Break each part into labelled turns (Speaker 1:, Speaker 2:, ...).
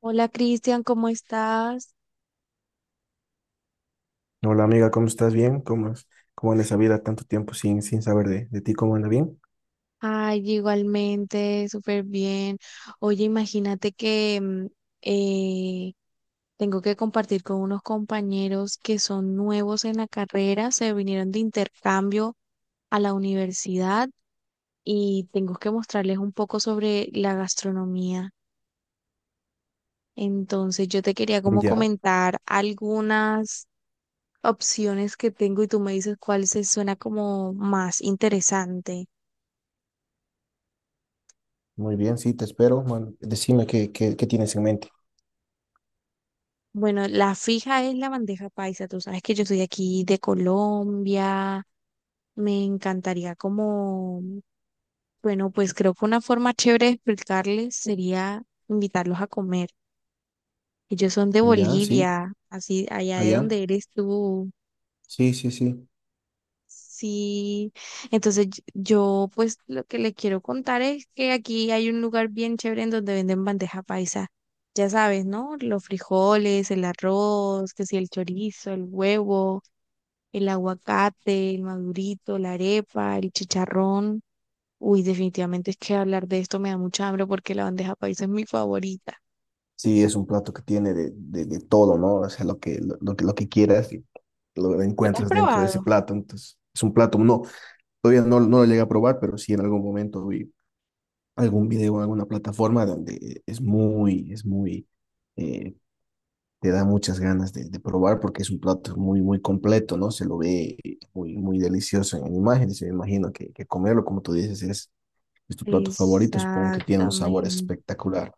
Speaker 1: Hola Cristian, ¿cómo estás?
Speaker 2: Hola amiga, ¿cómo estás? ¿Bien? ¿Cómo, cómo anda esa vida tanto tiempo sin saber de ti? ¿Cómo anda bien?
Speaker 1: Ay, igualmente, súper bien. Oye, imagínate que eh, tengo que compartir con unos compañeros que son nuevos en la carrera, se vinieron de intercambio a la universidad y tengo que mostrarles un poco sobre la gastronomía. Entonces, yo te quería como
Speaker 2: Ya,
Speaker 1: comentar algunas opciones que tengo y tú me dices cuál se suena como más interesante.
Speaker 2: muy bien, sí, te espero, man. Decime qué tienes en mente.
Speaker 1: Bueno, la fija es la bandeja paisa. Tú sabes que yo soy de aquí de Colombia. Me encantaría como, bueno, pues creo que una forma chévere de explicarles sería invitarlos a comer. Ellos son de
Speaker 2: Ya, sí,
Speaker 1: Bolivia, así allá de
Speaker 2: allá.
Speaker 1: donde eres tú.
Speaker 2: Sí, sí, sí.
Speaker 1: Sí, entonces yo pues lo que le quiero contar es que aquí hay un lugar bien chévere en donde venden bandeja paisa. Ya sabes, ¿no? Los frijoles, el arroz, que si el chorizo, el huevo, el aguacate, el madurito, la arepa, el chicharrón. Uy, definitivamente es que hablar de esto me da mucha hambre porque la bandeja paisa es mi favorita.
Speaker 2: Sí, es un plato que tiene de todo, ¿no? O sea, lo que quieras, lo
Speaker 1: ¿Tú la has
Speaker 2: encuentras dentro de ese
Speaker 1: probado?
Speaker 2: plato. Entonces, es un plato, no, todavía no lo llegué a probar, pero sí en algún momento vi algún video en alguna plataforma donde es muy, es muy, eh, te da muchas ganas de probar porque es un plato muy, muy completo, ¿no? Se lo ve muy, muy delicioso en imágenes. Me imagino que comerlo, como tú dices, es tu plato favorito. Supongo que tiene un sabor
Speaker 1: Exactamente.
Speaker 2: espectacular.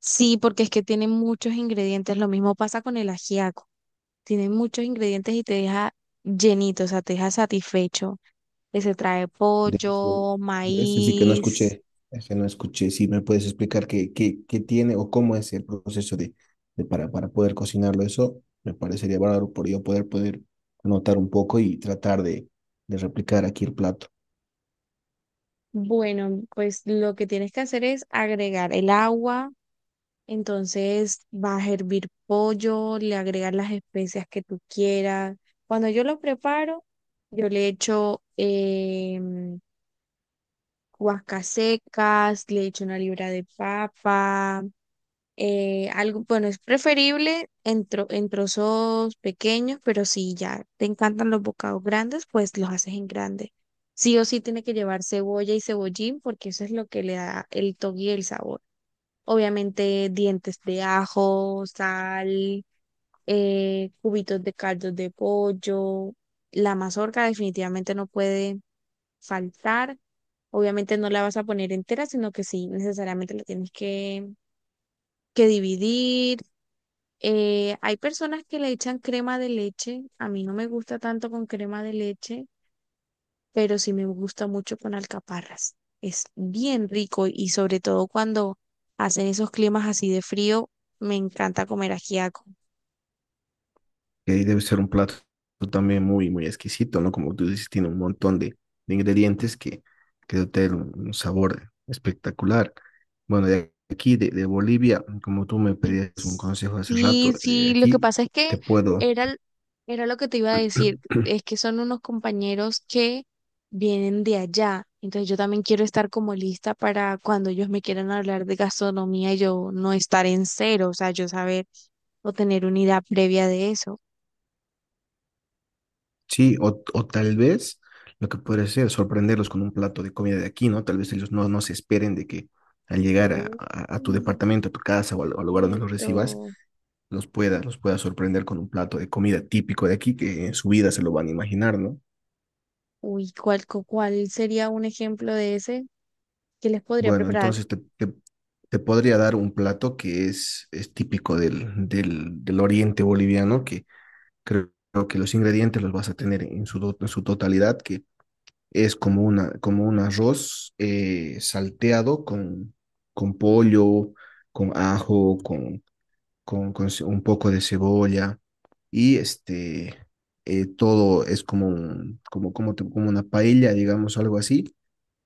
Speaker 1: Sí, porque es que tiene muchos ingredientes. Lo mismo pasa con el ajiaco. Tiene muchos ingredientes y te deja llenito, o sea, te deja satisfecho. Que se trae
Speaker 2: De ese,
Speaker 1: pollo,
Speaker 2: de ese sí que no
Speaker 1: maíz.
Speaker 2: escuché, ese no escuché. Si me puedes explicar qué tiene o cómo es el proceso para poder cocinarlo, eso me parecería bárbaro por yo poder anotar un poco y tratar de replicar aquí el plato.
Speaker 1: Bueno, pues lo que tienes que hacer es agregar el agua. Entonces vas a hervir pollo, le agregas las especias que tú quieras. Cuando yo lo preparo, yo le echo guascas secas, le echo una libra de papa, algo, bueno, es preferible en, en trozos pequeños, pero si ya te encantan los bocados grandes, pues los haces en grande. Sí o sí tiene que llevar cebolla y cebollín porque eso es lo que le da el toque y el sabor. Obviamente dientes de ajo, sal, cubitos de caldo de pollo. La mazorca definitivamente no puede faltar. Obviamente no la vas a poner entera, sino que sí, necesariamente que dividir. Hay personas que le echan crema de leche. A mí no me gusta tanto con crema de leche, pero sí me gusta mucho con alcaparras. Es bien rico y sobre todo cuando hacen esos climas así de frío, me encanta comer ajiaco.
Speaker 2: Que debe ser un plato también muy, muy exquisito, ¿no? Como tú dices, tiene un montón de ingredientes que dotan un sabor espectacular. Bueno, de aquí, de Bolivia, como tú me pedías un consejo hace
Speaker 1: Sí,
Speaker 2: rato, de
Speaker 1: sí, lo que
Speaker 2: aquí
Speaker 1: pasa es que
Speaker 2: te puedo,
Speaker 1: era, era lo que te iba a decir, es que son unos compañeros que vienen de allá, entonces yo también quiero estar como lista para cuando ellos me quieran hablar de gastronomía, yo no estar en cero, o sea, yo saber o tener una idea previa de eso.
Speaker 2: sí, o tal vez lo que puede ser sorprenderlos con un plato de comida de aquí, ¿no? Tal vez ellos no, no se esperen de que al llegar a,
Speaker 1: Uy,
Speaker 2: a- a tu departamento, a tu casa o al lugar donde los recibas,
Speaker 1: cierto.
Speaker 2: los pueda sorprender con un plato de comida típico de aquí que en su vida se lo van a imaginar, ¿no?
Speaker 1: Uy, ¿cuál sería un ejemplo de ese? ¿Qué les podría
Speaker 2: Bueno,
Speaker 1: preparar?
Speaker 2: entonces te podría dar un plato que es típico del oriente boliviano, que creo que los ingredientes los vas a tener en su totalidad, que es como, una, como un arroz salteado con pollo, con ajo, con un poco de cebolla y este, todo es como, como una paella, digamos, algo así,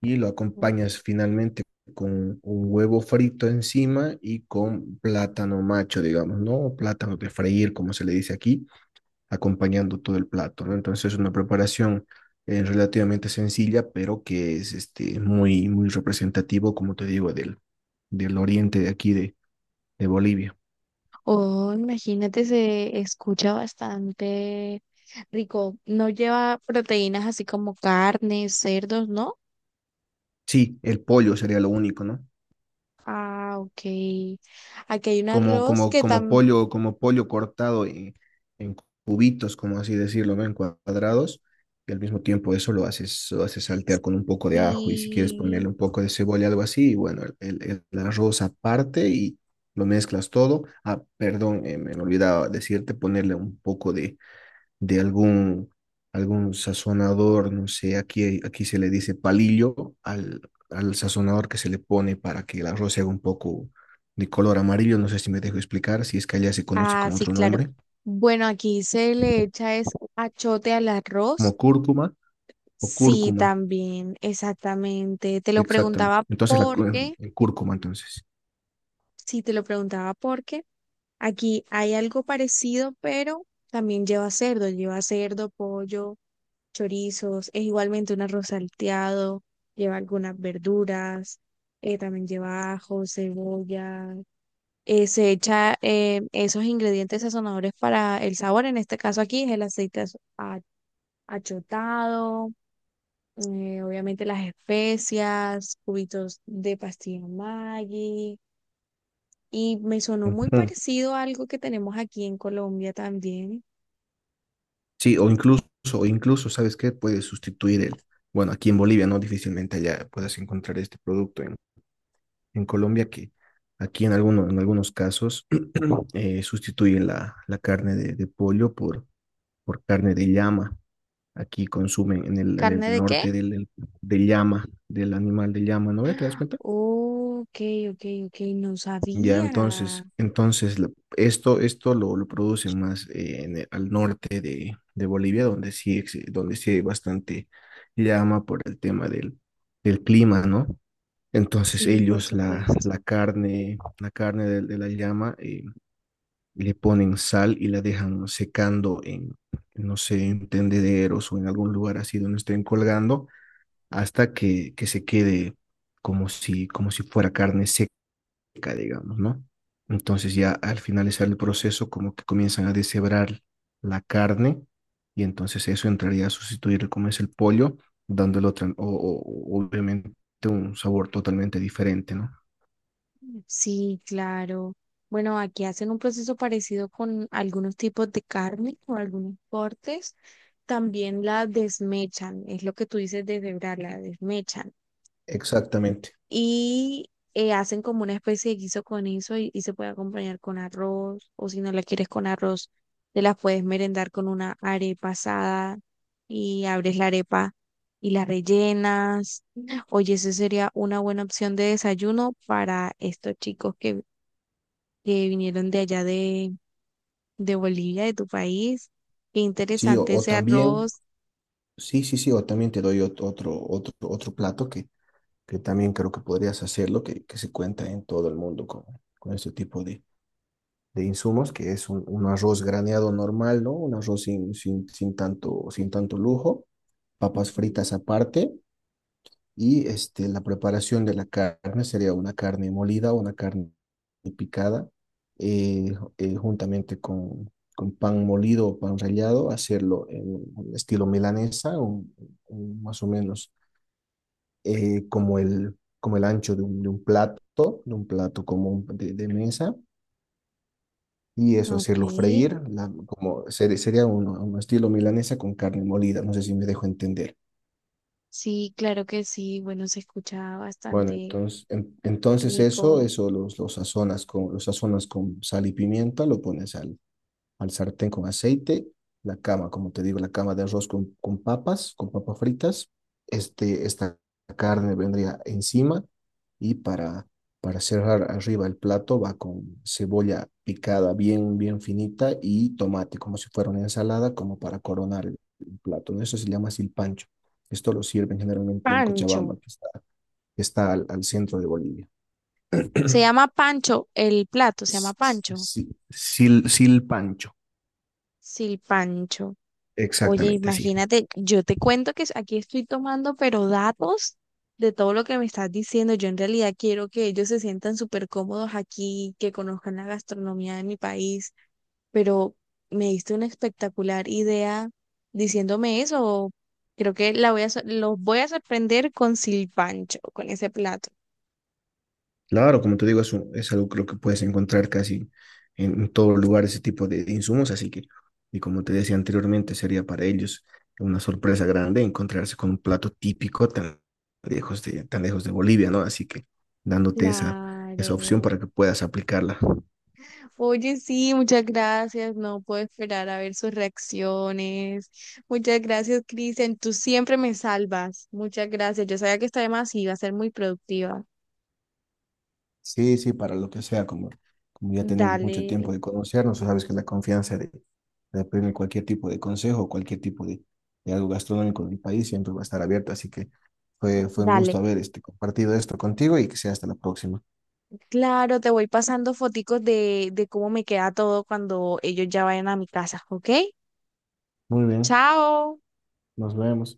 Speaker 2: y lo acompañas finalmente con un huevo frito encima y con plátano macho, digamos, ¿no? O plátano de freír, como se le dice aquí, acompañando todo el plato, ¿no? Entonces es una preparación relativamente sencilla, pero que es este, muy, muy representativo, como te digo, del, del oriente de aquí de Bolivia.
Speaker 1: Oh, imagínate, se escucha bastante rico. No lleva proteínas así como carnes, cerdos, ¿no?
Speaker 2: Sí, el pollo sería lo único, ¿no?
Speaker 1: Ah, ok. Aquí hay un
Speaker 2: Como,
Speaker 1: arroz
Speaker 2: como,
Speaker 1: que
Speaker 2: como
Speaker 1: también...
Speaker 2: pollo, como pollo cortado en cubitos, como así decirlo, ¿no? En cuadrados. Y al mismo tiempo eso lo haces saltear con un poco de ajo y si quieres ponerle un poco de cebolla, algo así. Y bueno, el arroz aparte y lo mezclas todo. Ah, perdón, me olvidaba decirte ponerle un poco de algún sazonador, no sé, aquí, aquí se le dice palillo al, al sazonador que se le pone para que el arroz se haga un poco de color amarillo, no sé si me dejo explicar, si es que allá se conoce
Speaker 1: Ah,
Speaker 2: con
Speaker 1: sí,
Speaker 2: otro
Speaker 1: claro.
Speaker 2: nombre,
Speaker 1: Bueno, aquí se le echa es achote al arroz.
Speaker 2: como cúrcuma o
Speaker 1: Sí,
Speaker 2: cúrcuma,
Speaker 1: también, exactamente. Te lo
Speaker 2: exactamente.
Speaker 1: preguntaba
Speaker 2: Entonces la cu- em,
Speaker 1: porque,
Speaker 2: el cúrcuma, entonces.
Speaker 1: sí, te lo preguntaba porque aquí hay algo parecido, pero también lleva cerdo, pollo, chorizos, es igualmente un arroz salteado, lleva algunas verduras, también lleva ajo, cebolla, se echa esos ingredientes sazonadores para el sabor, en este caso aquí es el aceite achotado, obviamente las especias, cubitos de pastilla Maggi, y me sonó muy
Speaker 2: Ujú.
Speaker 1: parecido a algo que tenemos aquí en Colombia también.
Speaker 2: Sí, o incluso, ¿sabes qué? Puedes sustituir el, bueno, aquí en Bolivia, ¿no? Difícilmente allá puedas encontrar este producto en Colombia que aquí en, en algunos casos sustituyen la carne de pollo por carne de llama. Aquí consumen en el
Speaker 1: ¿Carne de qué?
Speaker 2: norte del llama, del animal de llama, ¿no? ¿Te das cuenta?
Speaker 1: Ok, ok, no
Speaker 2: Ya
Speaker 1: sabía.
Speaker 2: entonces, entonces lo producen más en al norte de Bolivia, donde sí, donde sí hay bastante llama por el tema del, del clima, ¿no? Entonces
Speaker 1: Sí, por
Speaker 2: ellos la,
Speaker 1: supuesto.
Speaker 2: la carne, la carne de la llama, le ponen sal y la dejan secando en, no sé, en tendederos o en algún lugar así donde estén colgando hasta que se quede como si fuera carne seca, digamos, ¿no? Entonces ya al finalizar el proceso como que comienzan a deshebrar la carne y entonces eso entraría a sustituir como es el pollo, dándole otra, o obviamente un sabor totalmente diferente, ¿no?
Speaker 1: Sí, claro. Bueno, aquí hacen un proceso parecido con algunos tipos de carne o algunos cortes. También la desmechan, es lo que tú dices de deshebrarla, la desmechan.
Speaker 2: Exactamente.
Speaker 1: Y hacen como una especie de guiso con eso y se puede acompañar con arroz o si no la quieres con arroz, te la puedes merendar con una arepa asada y abres la arepa y la rellenas. Oye, esa sería una buena opción de desayuno para estos chicos que vinieron de allá de Bolivia, de tu país. Qué
Speaker 2: Sí,
Speaker 1: interesante
Speaker 2: o
Speaker 1: ese
Speaker 2: también,
Speaker 1: arroz.
Speaker 2: sí, sí, sí, o también te doy otro plato que también creo que podrías hacerlo, que se cuenta en todo el mundo con este tipo de insumos, que es un arroz graneado normal, ¿no? Un arroz sin tanto lujo, papas fritas
Speaker 1: Ujú.
Speaker 2: aparte. Y este, la preparación de la carne sería una carne molida, una carne picada, juntamente con pan molido o pan rallado, hacerlo en un estilo milanesa, más o menos como el ancho de un plato común de mesa, y eso,
Speaker 1: Ok,
Speaker 2: hacerlo freír, sería un estilo milanesa con carne molida, no sé si me dejo entender.
Speaker 1: sí, claro que sí. Bueno, se escucha
Speaker 2: Bueno,
Speaker 1: bastante
Speaker 2: entonces, en- entonces eso,
Speaker 1: rico.
Speaker 2: eso los, los sazonas con, los sazonas con sal y pimienta, lo pones al, al sartén con aceite, la cama, como te digo, la cama de arroz con papas fritas. Este, esta carne vendría encima y para cerrar arriba el plato va con cebolla picada bien, bien finita y tomate, como si fuera una ensalada, como para coronar el plato, ¿no? Eso se llama silpancho. Esto lo sirven generalmente en
Speaker 1: Pancho.
Speaker 2: Cochabamba, que está al, al centro de Bolivia.
Speaker 1: Se llama Pancho, el plato se llama Pancho.
Speaker 2: Silpancho,
Speaker 1: Sí, Pancho. Oye,
Speaker 2: exactamente así.
Speaker 1: imagínate, yo te cuento que aquí estoy tomando, pero datos de todo lo que me estás diciendo. Yo en realidad quiero que ellos se sientan súper cómodos aquí, que conozcan la gastronomía de mi país, pero me diste una espectacular idea diciéndome eso. Creo que la voy a, sor- los voy a sorprender con Silpancho, con ese plato.
Speaker 2: Claro, como te digo, es, es algo creo que puedes encontrar casi en todo lugar ese tipo de insumos, así que, y como te decía anteriormente, sería para ellos una sorpresa grande encontrarse con un plato típico tan lejos de Bolivia, ¿no? Así que dándote esa opción
Speaker 1: Claro.
Speaker 2: para que puedas aplicarla.
Speaker 1: Oye, sí, muchas gracias. No puedo esperar a ver sus reacciones. Muchas gracias, Cristian. Tú siempre me salvas. Muchas gracias. Yo sabía que esta demás iba a ser muy productiva.
Speaker 2: Sí, sí, para lo que sea, como, como ya tenemos mucho tiempo
Speaker 1: Dale,
Speaker 2: de conocernos, tú sabes que la confianza de pedirme cualquier tipo de consejo, cualquier tipo de algo gastronómico del país siempre va a estar abierta, así que fue, fue un
Speaker 1: dale.
Speaker 2: gusto haber este, compartido esto contigo y que sea hasta la próxima.
Speaker 1: Claro, te voy pasando foticos de cómo me queda todo cuando ellos ya vayan a mi casa, ¿ok?
Speaker 2: Muy bien,
Speaker 1: Chao.
Speaker 2: nos vemos.